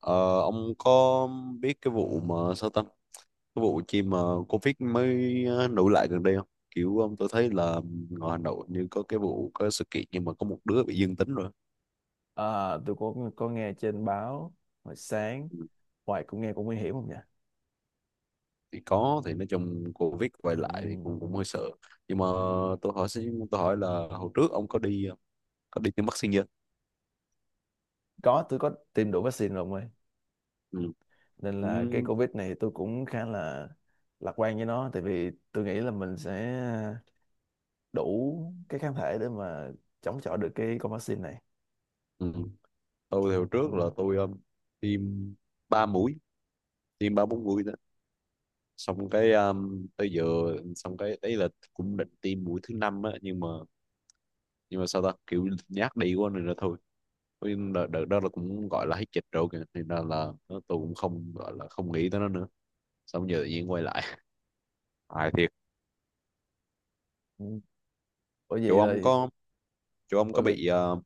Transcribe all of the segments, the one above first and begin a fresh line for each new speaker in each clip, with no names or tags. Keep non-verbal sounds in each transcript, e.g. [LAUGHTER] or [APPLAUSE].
Ờ, ông có biết cái vụ mà sao ta cái vụ chi mà Covid mới nổi lại gần đây không? Kiểu ông tôi thấy là ngoài Hà Nội như có cái vụ có sự kiện nhưng mà có một đứa bị dương tính rồi.
À, tôi có nghe trên báo hồi sáng
Ừ,
hoài cũng nghe cũng nguy hiểm không nhỉ?
thì có thì nói chung Covid quay
Ừ,
lại thì cũng cũng hơi sợ, nhưng mà tôi hỏi là hồi trước ông có đi có đi tiêm vaccine chưa?
có, tôi có tiêm đủ vaccine rồi ông ơi,
Ừ.
nên
Ừ.
là cái Covid này tôi cũng khá là lạc quan với nó, tại vì tôi nghĩ là mình sẽ đủ cái kháng thể để mà chống chọi được cái con vaccine này.
Ừ. Tôi thì hồi
Ừ.
trước là tôi tiêm ba mũi, tiêm ba bốn mũi xong cái tới giờ, xong cái đấy là cũng định tiêm mũi thứ năm á, nhưng mà sao ta kiểu nhát đi quá nên là thôi. Với đợt, đợt đó là cũng gọi là hết dịch rồi kìa nên là tôi cũng không gọi là không nghĩ tới nó nữa, xong giờ tự nhiên quay lại [LAUGHS] hài thiệt.
Ừ. Bởi
chỗ
vậy
ông
là
có Chỗ ông có
bởi vì
bị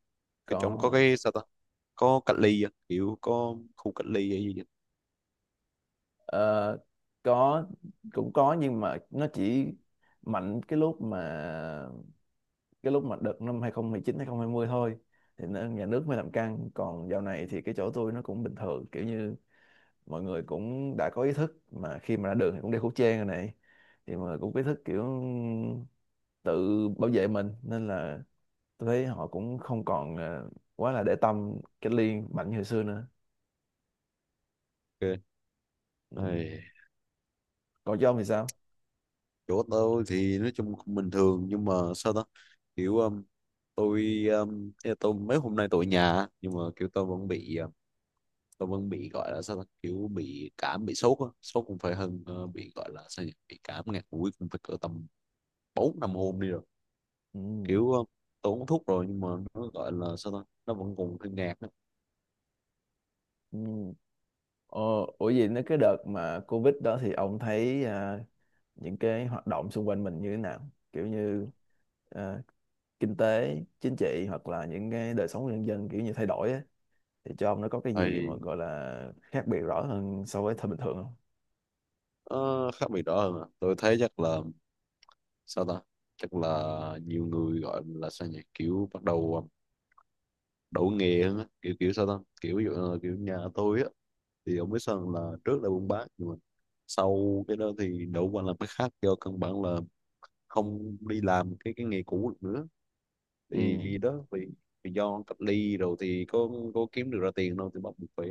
cái chỗ ông có
có
cái sao ta có cách ly á, kiểu có khu cách ly hay gì vậy?
ờ, có cũng có, nhưng mà nó chỉ mạnh cái lúc mà đợt năm hai hai chín hai 2020 thôi, thì nhà nước mới làm căng. Còn dạo này thì cái chỗ tôi nó cũng bình thường, kiểu như mọi người cũng đã có ý thức mà khi mà ra đường thì cũng đeo khẩu trang rồi này, thì mà cũng có ý thức kiểu tự bảo vệ mình. Nên là tôi thấy họ cũng không còn quá là để tâm cách ly mạnh như hồi xưa nữa.
Ok.
Ừ.
Ai,
Còn cho ông thì sao?
chỗ tôi thì nói chung cũng bình thường nhưng mà sao ta kiểu tôi ý là tôi mấy hôm nay tôi ở nhà nhưng mà kiểu tôi vẫn bị gọi là sao ta kiểu bị cảm bị sốt á, sốt cũng phải hơn bị gọi là sao nhỉ? Bị cảm ngạt mũi cũng phải cỡ tầm bốn năm hôm đi rồi.
Ừ.
Kiểu tôi uống thuốc rồi nhưng mà nó gọi là sao ta nó vẫn còn hơi ngạt á.
Ừ. Ờ, ủa gì nữa, cái đợt mà Covid đó thì ông thấy những cái hoạt động xung quanh mình như thế nào, kiểu như à, kinh tế chính trị hoặc là những cái đời sống của nhân dân kiểu như thay đổi á, thì cho ông nó có cái gì mà
Thì
gọi là khác biệt rõ hơn so với thời bình thường không?
khác biệt đó hơn à. Tôi thấy chắc là sao ta chắc là nhiều người gọi là sao nhỉ, kiểu bắt đầu đậu nghề hơn á, kiểu kiểu sao ta kiểu ví dụ là kiểu nhà tôi á, thì ông biết sao không? Là trước là buôn bán nhưng mà sau cái đó thì đậu qua làm cái khác do căn bản là không đi làm cái nghề cũ được nữa.
Ừ,
Thì đó vì vì do cách ly rồi thì có kiếm được ra tiền đâu, thì bắt buộc phải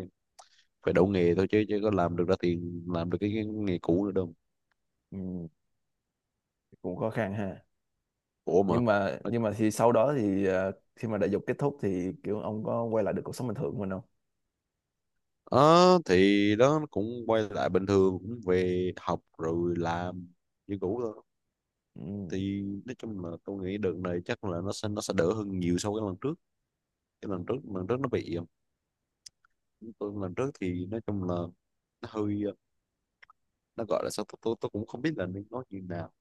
phải đậu nghề thôi, chứ chứ có làm được ra tiền làm được cái nghề cũ nữa đâu.
ừ, cũng khó khăn ha.
Khổ mà.
nhưng mà
Nói,
nhưng mà thì sau đó thì khi mà đại dục kết thúc thì kiểu ông có quay lại được cuộc sống bình thường của mình không?
ờ thì đó nó cũng quay lại bình thường, cũng về học rồi làm như cũ thôi.
Ừ,
Thì nói chung là tôi nghĩ đợt này chắc là nó sẽ đỡ hơn nhiều so với lần trước. Cái lần trước, lần trước nó bị, tôi lần trước thì nói chung là nó hơi, nó gọi là sao, tôi cũng không biết là nên nói như nào.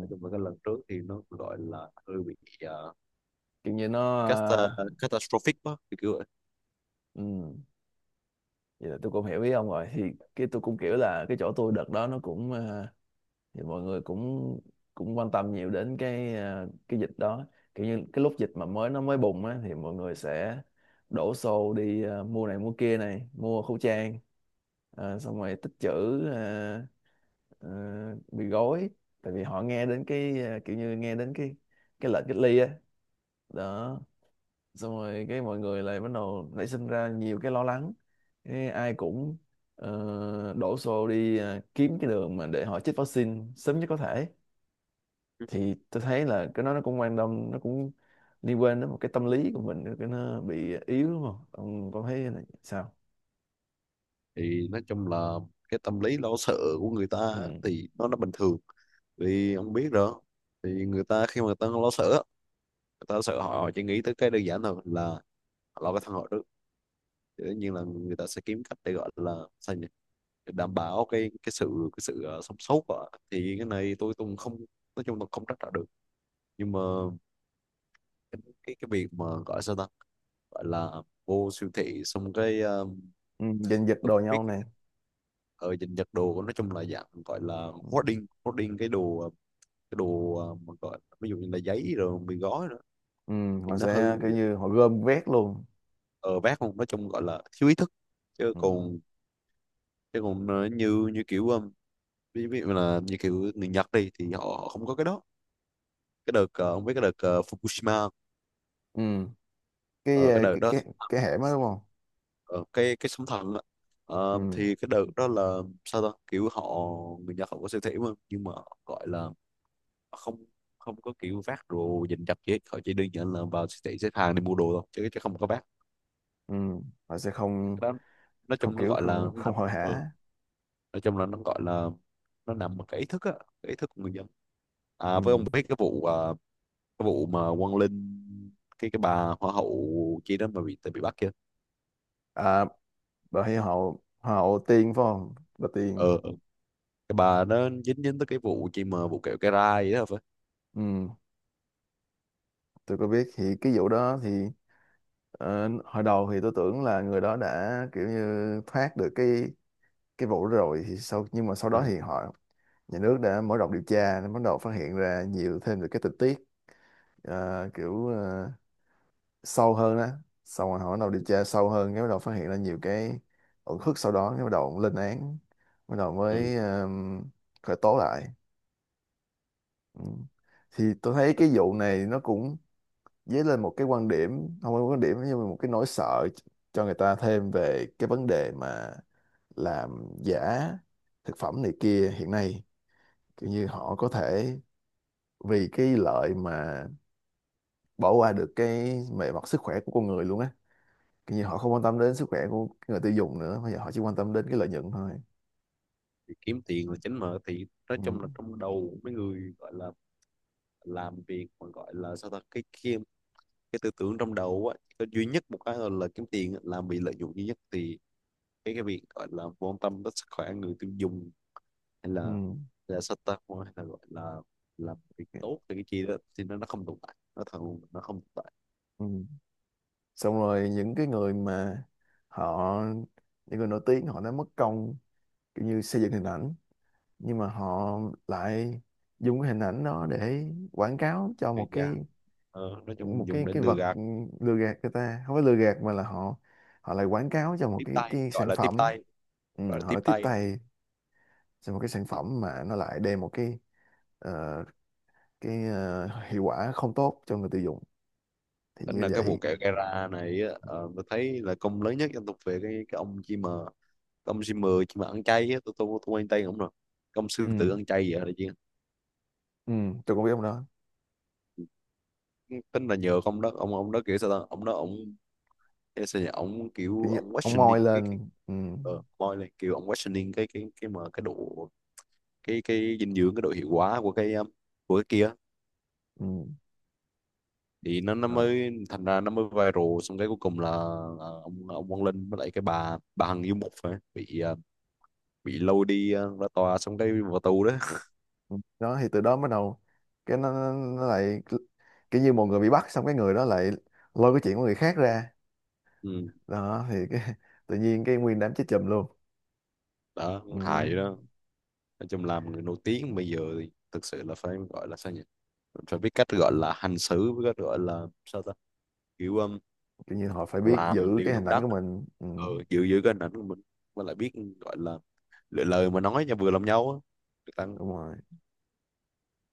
Nói chung là cái lần trước thì nó gọi là hơi bị uh,
kiểu như nó ờ,
cata- catastrophic đó, thì kiểu vậy.
ừ, vậy là tôi cũng hiểu ý ông rồi. Thì cái tôi cũng kiểu là cái chỗ tôi đợt đó nó cũng ờ, thì mọi người cũng cũng quan tâm nhiều đến cái à, cái dịch đó. Kiểu như cái lúc dịch mà mới nó mới bùng á thì mọi người sẽ đổ xô đi à, mua này mua kia này mua khẩu trang, à, xong rồi tích trữ à, à, bị gói, tại vì họ nghe đến cái à, kiểu như nghe đến cái lệnh cách ly á đó, xong rồi cái mọi người lại bắt đầu nảy sinh ra nhiều cái lo lắng, cái ai cũng ờ, đổ xô đi à, kiếm cái đường mà để họ chích vaccine sớm nhất có thể. Thì tôi thấy là cái đó nó cũng quan tâm, nó cũng liên quan đến một cái tâm lý của mình, cái nó bị yếu, đúng không? Ông có thấy là sao?
Thì nói chung là cái tâm lý lo sợ của người ta á,
Ừ.
thì nó bình thường. Vì ông biết rồi, thì người ta khi mà người ta lo sợ á, người ta sợ họ chỉ nghĩ tới cái đơn giản thôi là họ lo cái thân họ trước. Thì tất nhiên là người ta sẽ kiếm cách để gọi là sao nhỉ, để đảm bảo cái sự sống sót của họ. Thì cái này tôi cũng không, nói chung là không trách trả được, nhưng mà cái việc mà gọi sao ta gọi là vô siêu thị xong cái
Ừ. Giành giật
tôi
đồ
không biết
nhau này.
ở dình giật đồ, nói chung là dạng gọi là
Ừ.
hoarding hoarding cái đồ cái đồ mà gọi ví dụ như là giấy rồi mì gói nữa,
Ừ.
thì
Họ
nó hư,
sẽ kiểu như họ gom vét luôn.
ở vác không nói chung gọi là thiếu ý thức, chứ
Ừ.
còn chứ còn như như kiểu ví ví dụ là như kiểu người Nhật đi thì họ không có cái đó. Cái đợt ông biết cái đợt Fukushima,
Ừ. Cái
ờ, cái
ờ,
đợt
cái
đó,
cái cái hẻm đó đúng không?
ờ, cái sóng thần á. Ờ,
Ừ.
thì cái đợt đó là sao ta kiểu họ, người Nhật họ có siêu thị mà nhưng mà gọi là không, không có kiểu vác đồ dình dập gì hết, họ chỉ đơn giản là vào siêu thị xếp hàng để mua đồ thôi, chứ chứ không có vác.
Ừ. Họ sẽ
Cái
không,
đó nói
không
chung nó
kiểu
gọi là
không,
nó
không
nằm,
hội
ờ,
hả.
nói chung là nó gọi là nó nằm ở cái ý thức á, cái ý thức của người dân. À, với ông
Ừ.
biết cái vụ cái vụ mà Quang Linh, cái bà hoa hậu chi đó mà bị, tại bị bắt kia.
À, bà thấy họ họ tiên phải không, bà tiên.
ờ ờ. Cái bà đó dính dính tới cái vụ chi mà vụ kẹo cái rai vậy đó phải?
Ừ. Tôi có biết. Thì cái vụ đó thì ờ, hồi đầu thì tôi tưởng là người đó đã kiểu như thoát được cái vụ đó rồi, thì sau, nhưng mà sau đó
Ừ.
thì họ, nhà nước đã mở rộng điều tra nên bắt đầu phát hiện ra nhiều thêm được cái tình tiết ờ, kiểu ờ, sâu hơn đó. Xong rồi họ bắt đầu điều tra sâu hơn, cái bắt đầu phát hiện ra nhiều cái uẩn khúc sau đó, cái bắt đầu lên án, bắt đầu
Ừ.
mới khởi tố lại. Ừ. Thì tôi thấy cái vụ này nó cũng dấy lên một cái quan điểm, không phải quan điểm nhưng mà một cái nỗi sợ cho người ta thêm về cái vấn đề mà làm giả thực phẩm này kia hiện nay, kiểu như họ có thể vì cái lợi mà bỏ qua được cái về mặt sức khỏe của con người luôn á. Kiểu như họ không quan tâm đến sức khỏe của người tiêu dùng nữa, bây giờ họ chỉ quan tâm đến cái lợi nhuận thôi.
Thì kiếm tiền
Ừ.
là chính mà, thì nói
Ừ.
chung là trong đầu mấy người gọi là làm việc mà gọi là sao ta cái tư tưởng trong đầu á có duy nhất một cái là kiếm tiền á, là bị lợi dụng duy nhất. Thì cái việc gọi là quan tâm tới sức khỏe người tiêu dùng hay
Ừ.
là sao ta hay là gọi là làm việc tốt cho cái chi đó, thì nó không tồn tại, nó thật luôn, nó không tồn tại.
Ừ. Xong rồi những cái người mà họ, những người nổi tiếng họ đã mất công kiểu như xây dựng hình ảnh, nhưng mà họ lại dùng cái hình ảnh đó để quảng cáo cho một
Thì dạ,
cái,
nói
một
chung dùng để
cái
lừa
vật
gạt,
ừ, lừa gạt người ta, không phải lừa gạt mà là họ họ lại quảng cáo cho một
tiếp tay
cái
gọi
sản
là tiếp
phẩm,
tay,
ừ,
gọi là
họ
tiếp
lại tiếp
tay.
tay cho một cái sản phẩm mà nó lại đem một ờ, cái ờ, hiệu quả không tốt cho người tiêu dùng, thì
Tính
như
là cái vụ
vậy
kẹo gara này á, ờ, tôi thấy là công lớn nhất dân tộc về cái ông chim mờ. Cái ông chim mờ chim mà ăn chay á, tôi quen tay ông rồi. Cái ông sư tử
ừ,
ăn chay vậy là chứ.
ừ, tôi cũng biết ông đó.
Tính là nhờ ông đó, ông đó kiểu sao ta ông đó ông cái sao nhỉ, ông kiểu
Kiểu như
ông
ông moi
questioning cái
lên ừ,
moi lên, kiểu ông questioning cái mà cái độ, cái dinh dưỡng cái độ hiệu quả của cái kia.
ừ,
Thì nó
ờ.
mới thành ra nó mới viral, xong cái cuối cùng là ông Quang Linh với lại cái bà Hằng Du Mục phải bị bị lôi đi ra tòa xong cái vào tù đó.
Đó thì từ đó bắt đầu cái nó, nó lại kiểu như một người bị bắt, xong cái người đó lại lôi cái chuyện của người khác ra.
Ừ.
Đó thì cái, [LAUGHS] tự nhiên cái nguyên đám chết chùm luôn.
Đó
Ừ.
hài vậy đó. Nói chung làm người nổi tiếng bây giờ thì thực sự là phải gọi là sao nhỉ, phải biết cách gọi là hành xử với cách gọi là sao ta kiểu
Kiểu như họ phải biết
làm
giữ
điều
cái hình
đúng
ảnh
đắn,
của mình. Ừ.
ừ, giữ giữ cái hình ảnh của mình, mà lại biết gọi là lựa lời mà nói cho vừa lòng nhau á, tăng.
Đúng rồi.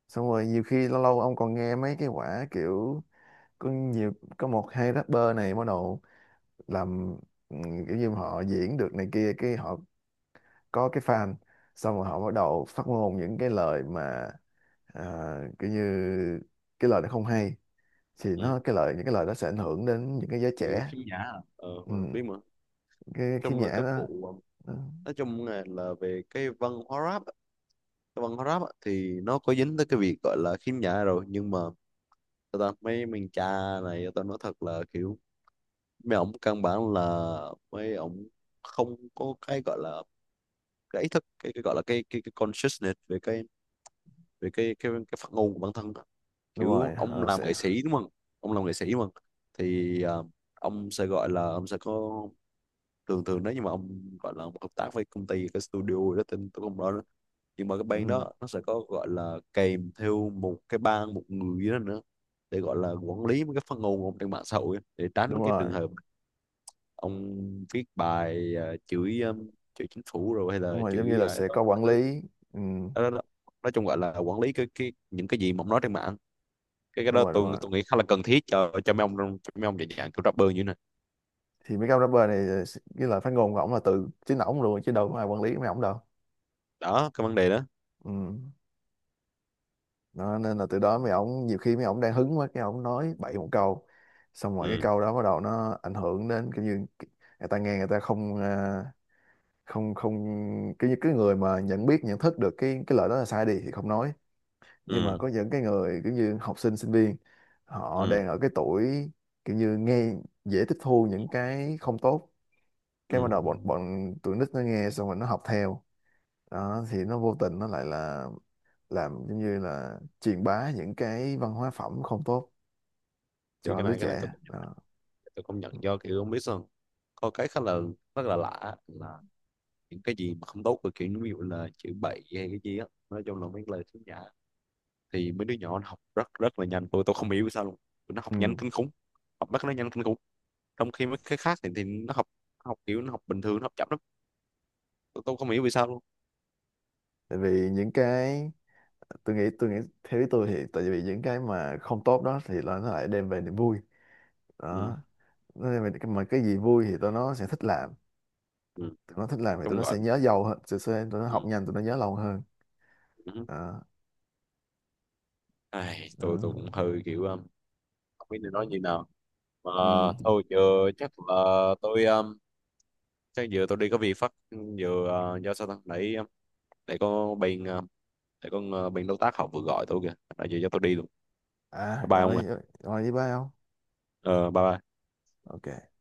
Xong rồi nhiều khi lâu lâu ông còn nghe mấy cái quả kiểu có nhiều, có một hai rapper này bắt đầu làm ừ, kiểu như họ diễn được này kia, cái họ có cái fan, xong rồi họ bắt đầu phát ngôn những cái lời mà à, kiểu như cái lời nó không hay, thì
Ừ.
nó cái lời, những cái lời đó sẽ ảnh hưởng đến những cái giới
Kiểu
trẻ
khiếm nhã à. Ờ,
ừ,
biết mà.
cái khiếm
Trong là
nhã
các
đó.
vụ
Ừ,
nói chung là về cái văn hóa rap á, cái văn hóa rap á, thì nó có dính tới cái việc gọi là khiếm nhã rồi nhưng mà tao ta, mấy mình cha này tao nói thật là kiểu mấy ổng căn bản là mấy ổng không có cái gọi là cái ý thức cái gọi là cái consciousness về cái, về cái phát ngôn của bản thân á.
đúng rồi
Kiểu ông
ờ,
làm
sẽ
nghệ sĩ đúng không, ông làm nghệ sĩ mà thì ông sẽ gọi là ông sẽ có, thường thường nếu như mà ông gọi là ông hợp tác với công ty cái studio đó tên tôi không rõ, nhưng mà cái bang
ừ,
đó nó sẽ có gọi là kèm theo một cái ban một người đó nữa để gọi là quản lý mấy cái phát ngôn của ông trên mạng xã hội á, để
đúng
tránh cái trường
rồi,
hợp ông viết bài chửi chửi chính phủ rồi hay
đúng
là
rồi, giống như
chửi
là
ai
sẽ
đó
có
các
quản
thứ.
lý. Ừ,
Đó, đó, đó. Nói chung gọi là quản lý cái những cái gì mà ông nói trên mạng, cái
đúng
đó
rồi, đúng
tôi
rồi.
tôi nghĩ khá là cần thiết cho mấy ông cho mấy ông dạng dạng kiểu rapper như thế này.
Thì mấy cái ông rapper này ờ, cái lời phát ngôn của ổng là từ chính ổng luôn, chứ đâu có ai quản lý mấy ổng đâu.
Đó cái vấn đề đó.
Ừ. Đó, nên là từ đó mấy ổng nhiều khi mấy ổng đang hứng quá cái ổng nói bậy một câu, xong rồi cái
Ừ.
câu đó bắt đầu nó ảnh hưởng đến kiểu như người ta nghe, người ta không không, không, cái cái người mà nhận biết nhận thức được cái lời đó là sai đi thì không nói, nhưng mà
Ừ.
có những cái người kiểu như học sinh sinh viên họ
Ừ.
đang ở cái tuổi kiểu như nghe dễ tiếp thu những cái không tốt,
Ừ.
cái bắt đầu bọn bọn tụi nít nó nghe xong rồi nó học theo. Đó thì nó vô tình nó lại là làm giống như là truyền bá những cái văn hóa phẩm không tốt
Thì
cho
cái
lứa
này cái này
trẻ
tôi cũng,
đó.
tôi công nhận do kiểu không biết sao, có cái khá là, rất là lạ là những cái gì mà không tốt của, kiểu ví dụ là chữ bậy hay cái gì á, nói chung là mấy lời xấu nhã, thì mấy đứa nhỏ nó học rất rất là nhanh, tôi không hiểu sao luôn. Tụi nó học nhanh
Ừ.
kinh khủng, học bắt nó nhanh kinh khủng, trong khi mấy cái khác thì nó học, học kiểu nó học bình thường nó học chậm lắm. Tôi không hiểu vì sao luôn.
Tại vì những cái, tôi nghĩ theo ý tôi thì tại vì những cái mà không tốt đó thì là nó lại đem về niềm vui
Ừ,
đó, nên mà cái gì vui thì tụi nó sẽ thích làm.
ừ. Nói
Tụi nó thích làm thì tụi
chung
nó
gọi.
sẽ nhớ lâu hơn, sẽ tụi nó
Ừ.
học nhanh, tụi nó nhớ lâu hơn
Ừ.
đó.
Ai,
Ừ.
tôi cũng hơi kiểu không biết nên nói như nào mà,
Ừ.
thôi giờ chắc là tôi chắc giờ tôi đi có việc phát giờ do sao ta nãy để có bên để con bên đối tác họ vừa gọi tôi kìa nói gì cho tôi đi luôn.
À
Bye ông
rồi,
ạ.
rồi với ba không.
Ờ bye bye.
Ok.